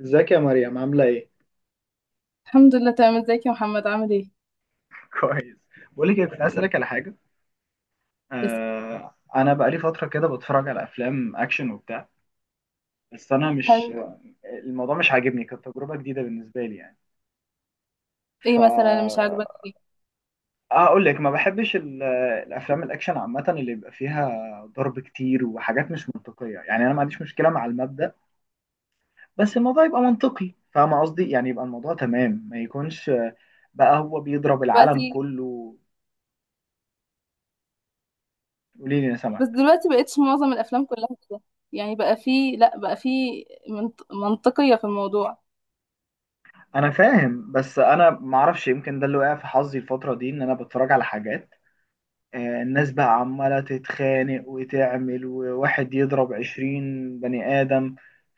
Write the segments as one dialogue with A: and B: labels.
A: ازيك يا مريم عاملة ايه؟
B: الحمد لله، تمام. ازيك يا محمد، عامل ايه؟
A: كويس. بقول لك إيه، كنت عايز اسالك على حاجه.
B: بس.
A: انا بقالي فتره كده بتفرج على افلام اكشن وبتاع. بس انا مش
B: هل
A: الموضوع مش عاجبني، كانت تجربه جديده بالنسبه لي يعني. ف
B: ايه مثلا اللي مش عاجبك فيه؟
A: اقول لك ما بحبش الافلام الاكشن عامه، اللي بيبقى فيها ضرب كتير وحاجات مش منطقيه، يعني انا ما عنديش مشكله مع المبدأ، بس الموضوع يبقى منطقي، فاهمه قصدي، يعني يبقى الموضوع تمام ما يكونش بقى هو بيضرب العالم
B: دلوقتي
A: كله. قولي لي انا
B: بس
A: سامعك.
B: دلوقتي بقتش معظم الافلام كلها كده، يعني بقى في، لا، بقى في منطقية في الموضوع.
A: انا فاهم، بس انا معرفش، يمكن ده اللي وقع في حظي الفتره دي، ان انا بتفرج على حاجات الناس بقى عماله تتخانق وتعمل، وواحد يضرب 20 بني ادم.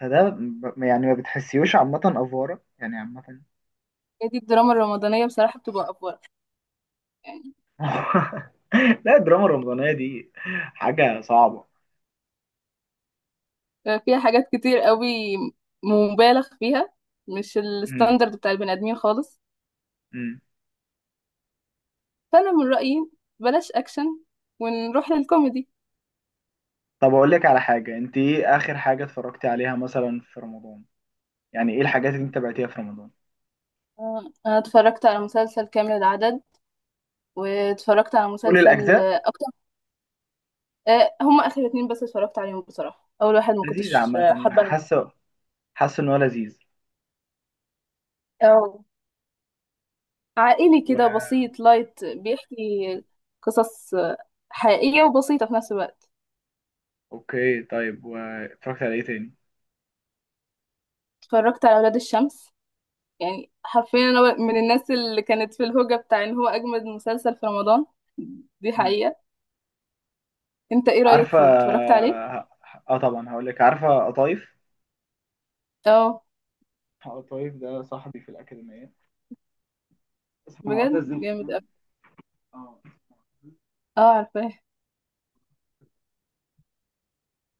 A: فده يعني ما بتحسيوش عامه، افوره يعني عامه.
B: هي دي الدراما الرمضانية بصراحة بتبقى افضل يعني.
A: لا، الدراما الرمضانيه دي حاجه صعبه.
B: بقى فيها حاجات كتير قوي مبالغ فيها، مش
A: مم.
B: الستاندرد بتاع البني ادمين خالص.
A: مم.
B: فانا من رأيي بلاش اكشن ونروح للكوميدي.
A: طب اقول لك على حاجه، انت ايه اخر حاجه اتفرجتي عليها مثلا في رمضان؟ يعني ايه الحاجات اللي انت تابعتيها في رمضان؟
B: انا اتفرجت على مسلسل كامل العدد، واتفرجت على
A: كل
B: مسلسل
A: الاجزاء؟
B: اكتر. هما اخر اتنين بس اتفرجت عليهم بصراحه. اول واحد ما
A: لذيذه
B: كنتش
A: عامه،
B: حابه.
A: حاسه ان هو لذيذ.
B: اه، عائلي
A: و...
B: كده بسيط لايت، بيحكي قصص حقيقيه وبسيطه في نفس الوقت.
A: اوكي طيب، واتفرجت على ايه تاني؟
B: اتفرجت على اولاد الشمس. يعني حرفيا انا من الناس اللي كانت في الهوجه بتاع ان هو اجمد مسلسل في رمضان، دي
A: امم
B: حقيقه. انت ايه رايك
A: عارفه،
B: فيه، اتفرجت عليه؟
A: ه- اه طبعا هقول لك، عارفه قطايف؟
B: اه.
A: قطايف ده صاحبي في الاكاديميه، اسمه
B: بجد
A: معتز
B: جامد
A: هشام.
B: أوي.
A: اه.
B: اه، عارفاه.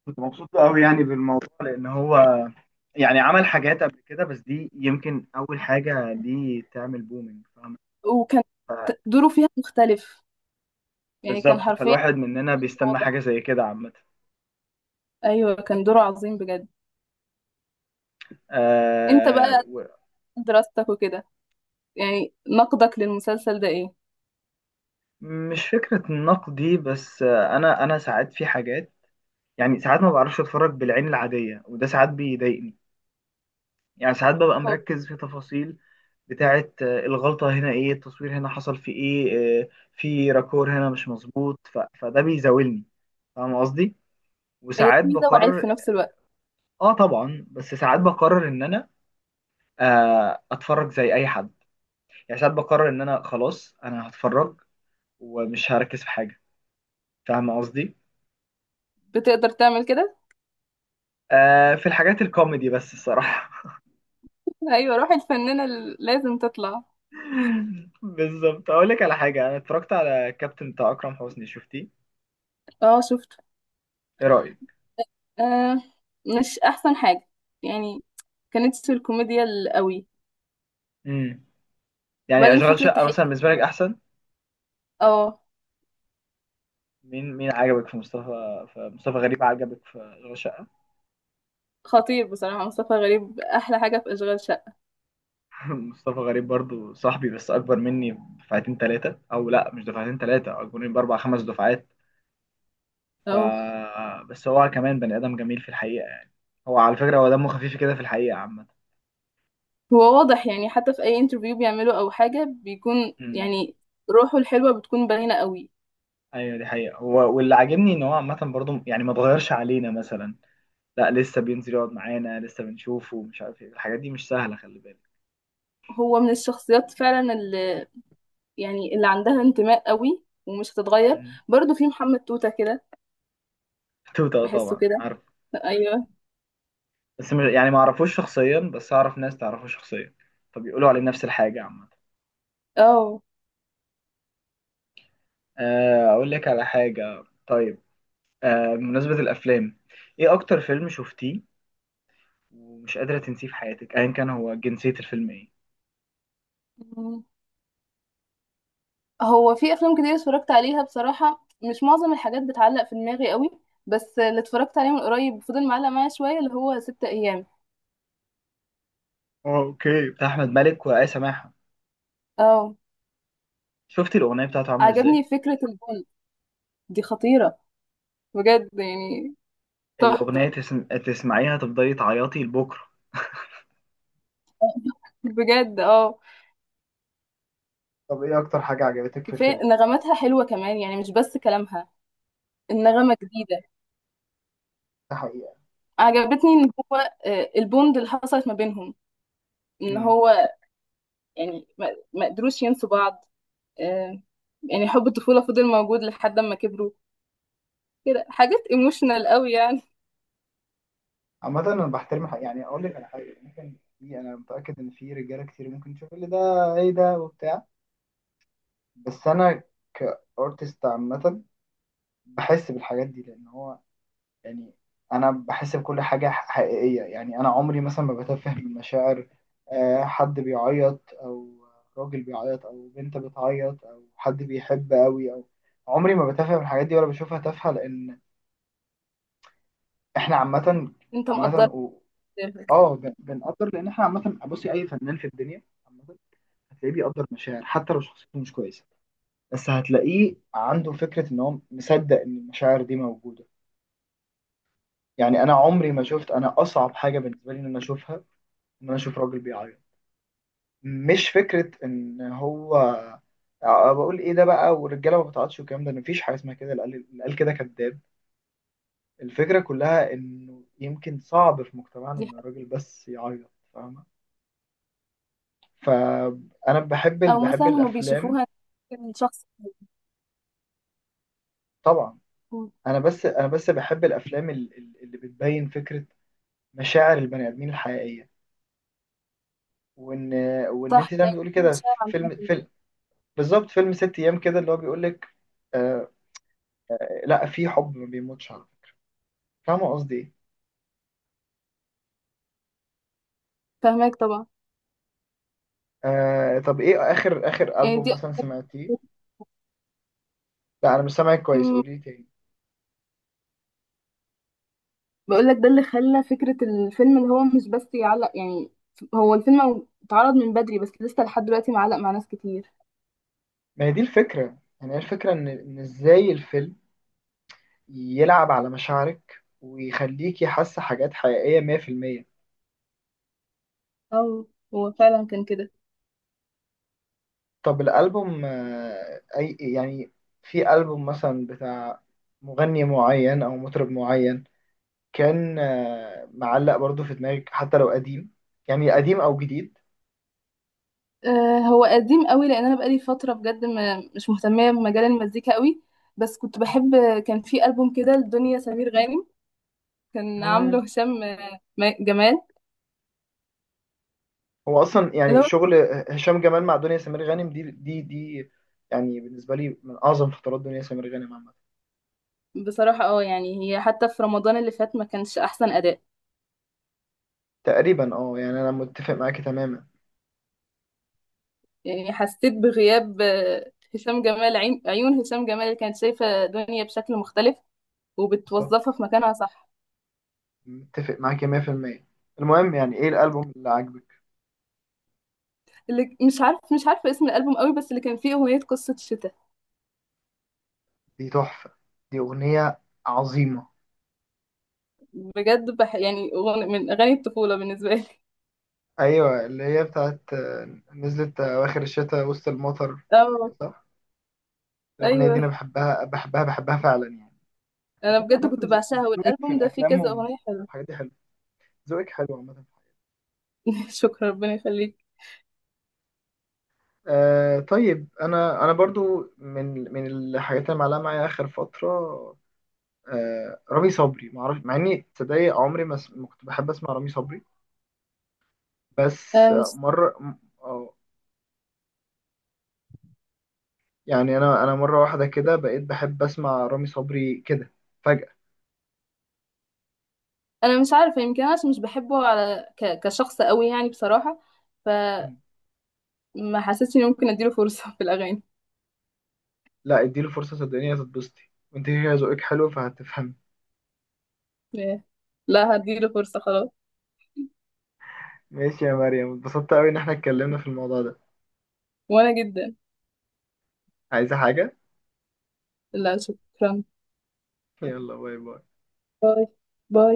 A: كنت مبسوط قوي يعني بالموضوع، لان هو يعني عمل حاجات قبل كده، بس دي يمكن اول حاجه دي تعمل بومينج، فاهم.
B: وكان دوره فيها مختلف، يعني كان
A: بالظبط،
B: حرفيا.
A: فالواحد مننا بيستنى
B: واضح.
A: حاجه زي كده عامه.
B: ايوه، كان دوره عظيم بجد. انت
A: آه
B: بقى
A: و-
B: دراستك وكده، يعني نقدك للمسلسل ده ايه؟
A: مش فكره نقدي، بس انا ساعات في حاجات، يعني ساعات ما بعرفش اتفرج بالعين العادية، وده ساعات بيضايقني. يعني ساعات ببقى
B: هو
A: مركز في تفاصيل بتاعة الغلطة هنا ايه، التصوير هنا حصل في ايه، في راكور هنا مش مظبوط، فده بيزاولني، فاهم قصدي.
B: هي
A: وساعات
B: ميزة وعيب في
A: بقرر،
B: نفس الوقت.
A: اه طبعا، بس ساعات بقرر ان انا اتفرج زي اي حد. يعني ساعات بقرر ان انا خلاص، انا هتفرج، ومش هركز في حاجة، فاهم قصدي.
B: بتقدر تعمل كده؟
A: في الحاجات الكوميدي بس الصراحة.
B: ايوه، روح الفنانة اللي لازم تطلع.
A: بالظبط، اقول لك على حاجه، انا اتفرجت على الكابتن بتاع اكرم حسني، شفتيه؟
B: اه، شفته.
A: ايه رايك؟
B: آه، مش احسن حاجة يعني. كانت في الكوميديا القوي.
A: امم يعني
B: وبعدين
A: اشغال
B: فكرة
A: شقه
B: تحقيق.
A: مثلا بالنسبه لك احسن؟
B: اه.
A: مين عجبك في مصطفى غريب، عجبك في اشغال شقه؟
B: خطير بصراحة، مصطفى غريب أحلى حاجة في أشغال شقة.
A: مصطفى غريب برضو صاحبي، بس اكبر مني بدفعتين ثلاثه، او لا مش دفعتين ثلاثه، اكبر مني باربع خمس دفعات. ف
B: أو
A: بس هو كمان بني ادم جميل في الحقيقه يعني. هو على فكره هو دمه خفيف كده في الحقيقه عامه.
B: هو واضح يعني، حتى في أي انترفيو بيعمله أو حاجة بيكون
A: امم
B: يعني روحه الحلوة بتكون باينة قوي.
A: ايوه دي حقيقه، هو واللي عاجبني ان هو عامه برضو يعني ما اتغيرش علينا مثلا، لا لسه بينزل يقعد معانا، لسه بنشوفه، ومش عارف ايه، الحاجات دي مش سهله، خلي بالك.
B: هو من الشخصيات فعلا يعني، اللي عندها انتماء قوي ومش هتتغير.
A: مم.
B: برضو في محمد توتة كده.
A: توتا
B: بحسه
A: طبعا
B: كده.
A: عارف،
B: ايوه.
A: بس مش يعني، ما اعرفوش شخصيا، بس اعرف ناس تعرفه شخصيا، فبيقولوا عليه نفس الحاجه عامه.
B: اه.
A: اقول لك على حاجه طيب، بمناسبه الافلام، ايه اكتر فيلم شفتيه ومش قادره تنسيه في حياتك، ايا كان هو جنسيه الفيلم ايه؟
B: مم. هو في افلام كتير اتفرجت عليها بصراحة، مش معظم الحاجات بتعلق في دماغي قوي. بس اللي اتفرجت عليه من قريب فضل معلق معايا شوية، اللي هو ست ايام.
A: اه اوكي، بتاع احمد مالك وآية سماحه.
B: اه.
A: شفتي الاغنيه بتاعته عامله ازاي؟
B: عجبني فكرة البول، دي خطيرة بجد يعني. تحفة،
A: الاغنيه تسمعيها تفضلي تعيطي لبكره.
B: بجد. اه.
A: طب ايه اكتر حاجه عجبتك في
B: كفاية
A: الفيلم؟
B: نغماتها حلوة كمان، يعني مش بس كلامها، النغمة جديدة.
A: ده حقيقة.
B: عجبتني ان هو البوند اللي حصلت ما بينهم، ان
A: مم.
B: هو يعني ما قدروش ينسوا بعض. آه، يعني حب الطفولة فضل موجود لحد ما كبروا. كده حاجات ايموشنال قوي يعني.
A: عامة أنا بحترم حق، يعني أقول لك على حاجة، ممكن في، أنا متأكد إن في رجالة كتير ممكن تشوف اللي ده إيه ده وبتاع، بس أنا كأرتست عامة بحس بالحاجات دي، لأن هو يعني أنا بحس بكل حاجة حقيقية، يعني أنا عمري مثلا ما بتفه من مشاعر حد بيعيط، أو راجل بيعيط، أو بنت بتعيط، أو حد بيحب أوي، أو عمري ما بتفه من الحاجات دي ولا بشوفها تافهة، لأن إحنا عامة
B: انت مقدر.
A: عامة اه بنقدر، لان احنا عامه بصي، اي فنان في الدنيا عامه هتلاقيه بيقدر مشاعر حتى لو شخصيته مش كويسه، بس هتلاقيه عنده فكره ان هو مصدق ان المشاعر دي موجوده. يعني انا عمري ما شفت، انا اصعب حاجه بالنسبه لي ان انا اشوفها، ان انا اشوف راجل بيعيط، مش فكره ان هو أه بقول ايه ده بقى والرجاله ما بتعيطش والكلام ده، مفيش حاجه اسمها كده، اللي قال اللي قال كده كذاب. الفكره كلها انه يمكن صعب في مجتمعنا
B: دي
A: ان
B: حاجة.
A: الراجل بس يعيط، فاهمه. فانا بحب
B: او
A: بحب
B: مثلا هما
A: الافلام
B: بيشوفوها إن شخص.
A: طبعا. انا بس بحب الافلام اللي بتبين فكره مشاعر البني ادمين الحقيقيه، وان وان
B: صح،
A: انت زي ما
B: لا،
A: بتقولي كده،
B: شارع.
A: فيلم بالظبط، فيلم ست ايام كده اللي هو بيقول لك آه لا، في حب ما بيموتش على فكرة. فاهمه قصدي ايه؟
B: فاهمك طبعا.
A: طب ايه اخر
B: يعني
A: البوم
B: دي
A: مثلا سمعتيه؟ لا انا مش سامعك كويس،
B: مم.
A: قولي لي تاني.
B: بقول لك ده اللي خلى فكرة الفيلم اللي هو مش بس يعلق يعني. هو الفيلم اتعرض من بدري، بس لسه لحد دلوقتي معلق مع ناس كتير.
A: ما هي دي الفكره يعني، هي الفكره ان ازاي الفيلم يلعب على مشاعرك ويخليكي حاسه حاجات حقيقيه 100%.
B: اه، هو فعلا كان كده.
A: طب الألبوم أي يعني، في ألبوم مثلا بتاع مغني معين أو مطرب معين، كان معلق برضو في دماغك حتى لو قديم، يعني قديم أو جديد.
B: هو قديم قوي، لان انا بقالي فتره بجد مش مهتمه بمجال المزيكا قوي. بس كنت بحب. كان في البوم كده لدنيا سمير غانم، كان
A: مم.
B: عامله هشام جمال.
A: هو أصلا
B: اللي
A: يعني
B: هو
A: شغل هشام جمال مع دنيا سمير غانم دي يعني بالنسبة لي من أعظم فترات دنيا سمير غانم عامة.
B: بصراحه اه، يعني هي حتى في رمضان اللي فات ما كانش احسن اداء
A: تقريبا يعني أنا متفق معاكي تماما.
B: يعني. حسيت بغياب هشام جمال، عيون هشام جمال اللي كانت شايفه دنيا بشكل مختلف وبتوظفها
A: بالظبط،
B: في مكانها صح.
A: متفق معاكي 100%. المهم يعني إيه الألبوم اللي عاجبك؟
B: اللي مش عارفه اسم الالبوم قوي، بس اللي كان فيه اغنيه قصه شتاء.
A: دي تحفة، دي أغنية عظيمة.
B: بجد يعني من اغاني الطفوله بالنسبه لي.
A: ايوه اللي هي بتاعت نزلت اواخر الشتاء وسط المطر،
B: اه،
A: صح. الاغنيه دي
B: ايوه،
A: انا بحبها بحبها بحبها فعلا يعني. بس
B: انا
A: انت
B: بجد
A: عامه،
B: كنت بعشقها،
A: ذوقك في
B: والالبوم ده فيه
A: الافلام
B: كذا اغنيه حلوه.
A: والحاجات دي حلو، ذوقك حلو عامه.
B: شكرا، ربنا يخليك.
A: طيب، انا برضو من الحاجات اللي معلقه معايا اخر فتره رامي صبري. ما اعرفش مع اني تصدقي، عمري ما ما كنت بحب اسمع رامي صبري، بس
B: آه، مش
A: مره يعني انا مره واحده كده بقيت بحب اسمع رامي صبري كده فجاه.
B: انا مش عارفه، يمكن انا عشان مش بحبه على كشخص قوي يعني بصراحه. فما حسيتش اني ممكن اديله فرصه في الاغاني.
A: لا اديله فرصة صدقني، هتتبسطي، وانت كده ذوقك حلو فهتفهمي.
B: لا. لا، هديله فرصه خلاص.
A: ماشي يا مريم، اتبسطت قوي ان احنا اتكلمنا في الموضوع ده.
B: وانا جدا.
A: عايزة حاجة؟
B: لا، شكرا.
A: يلا باي باي.
B: باي، باي.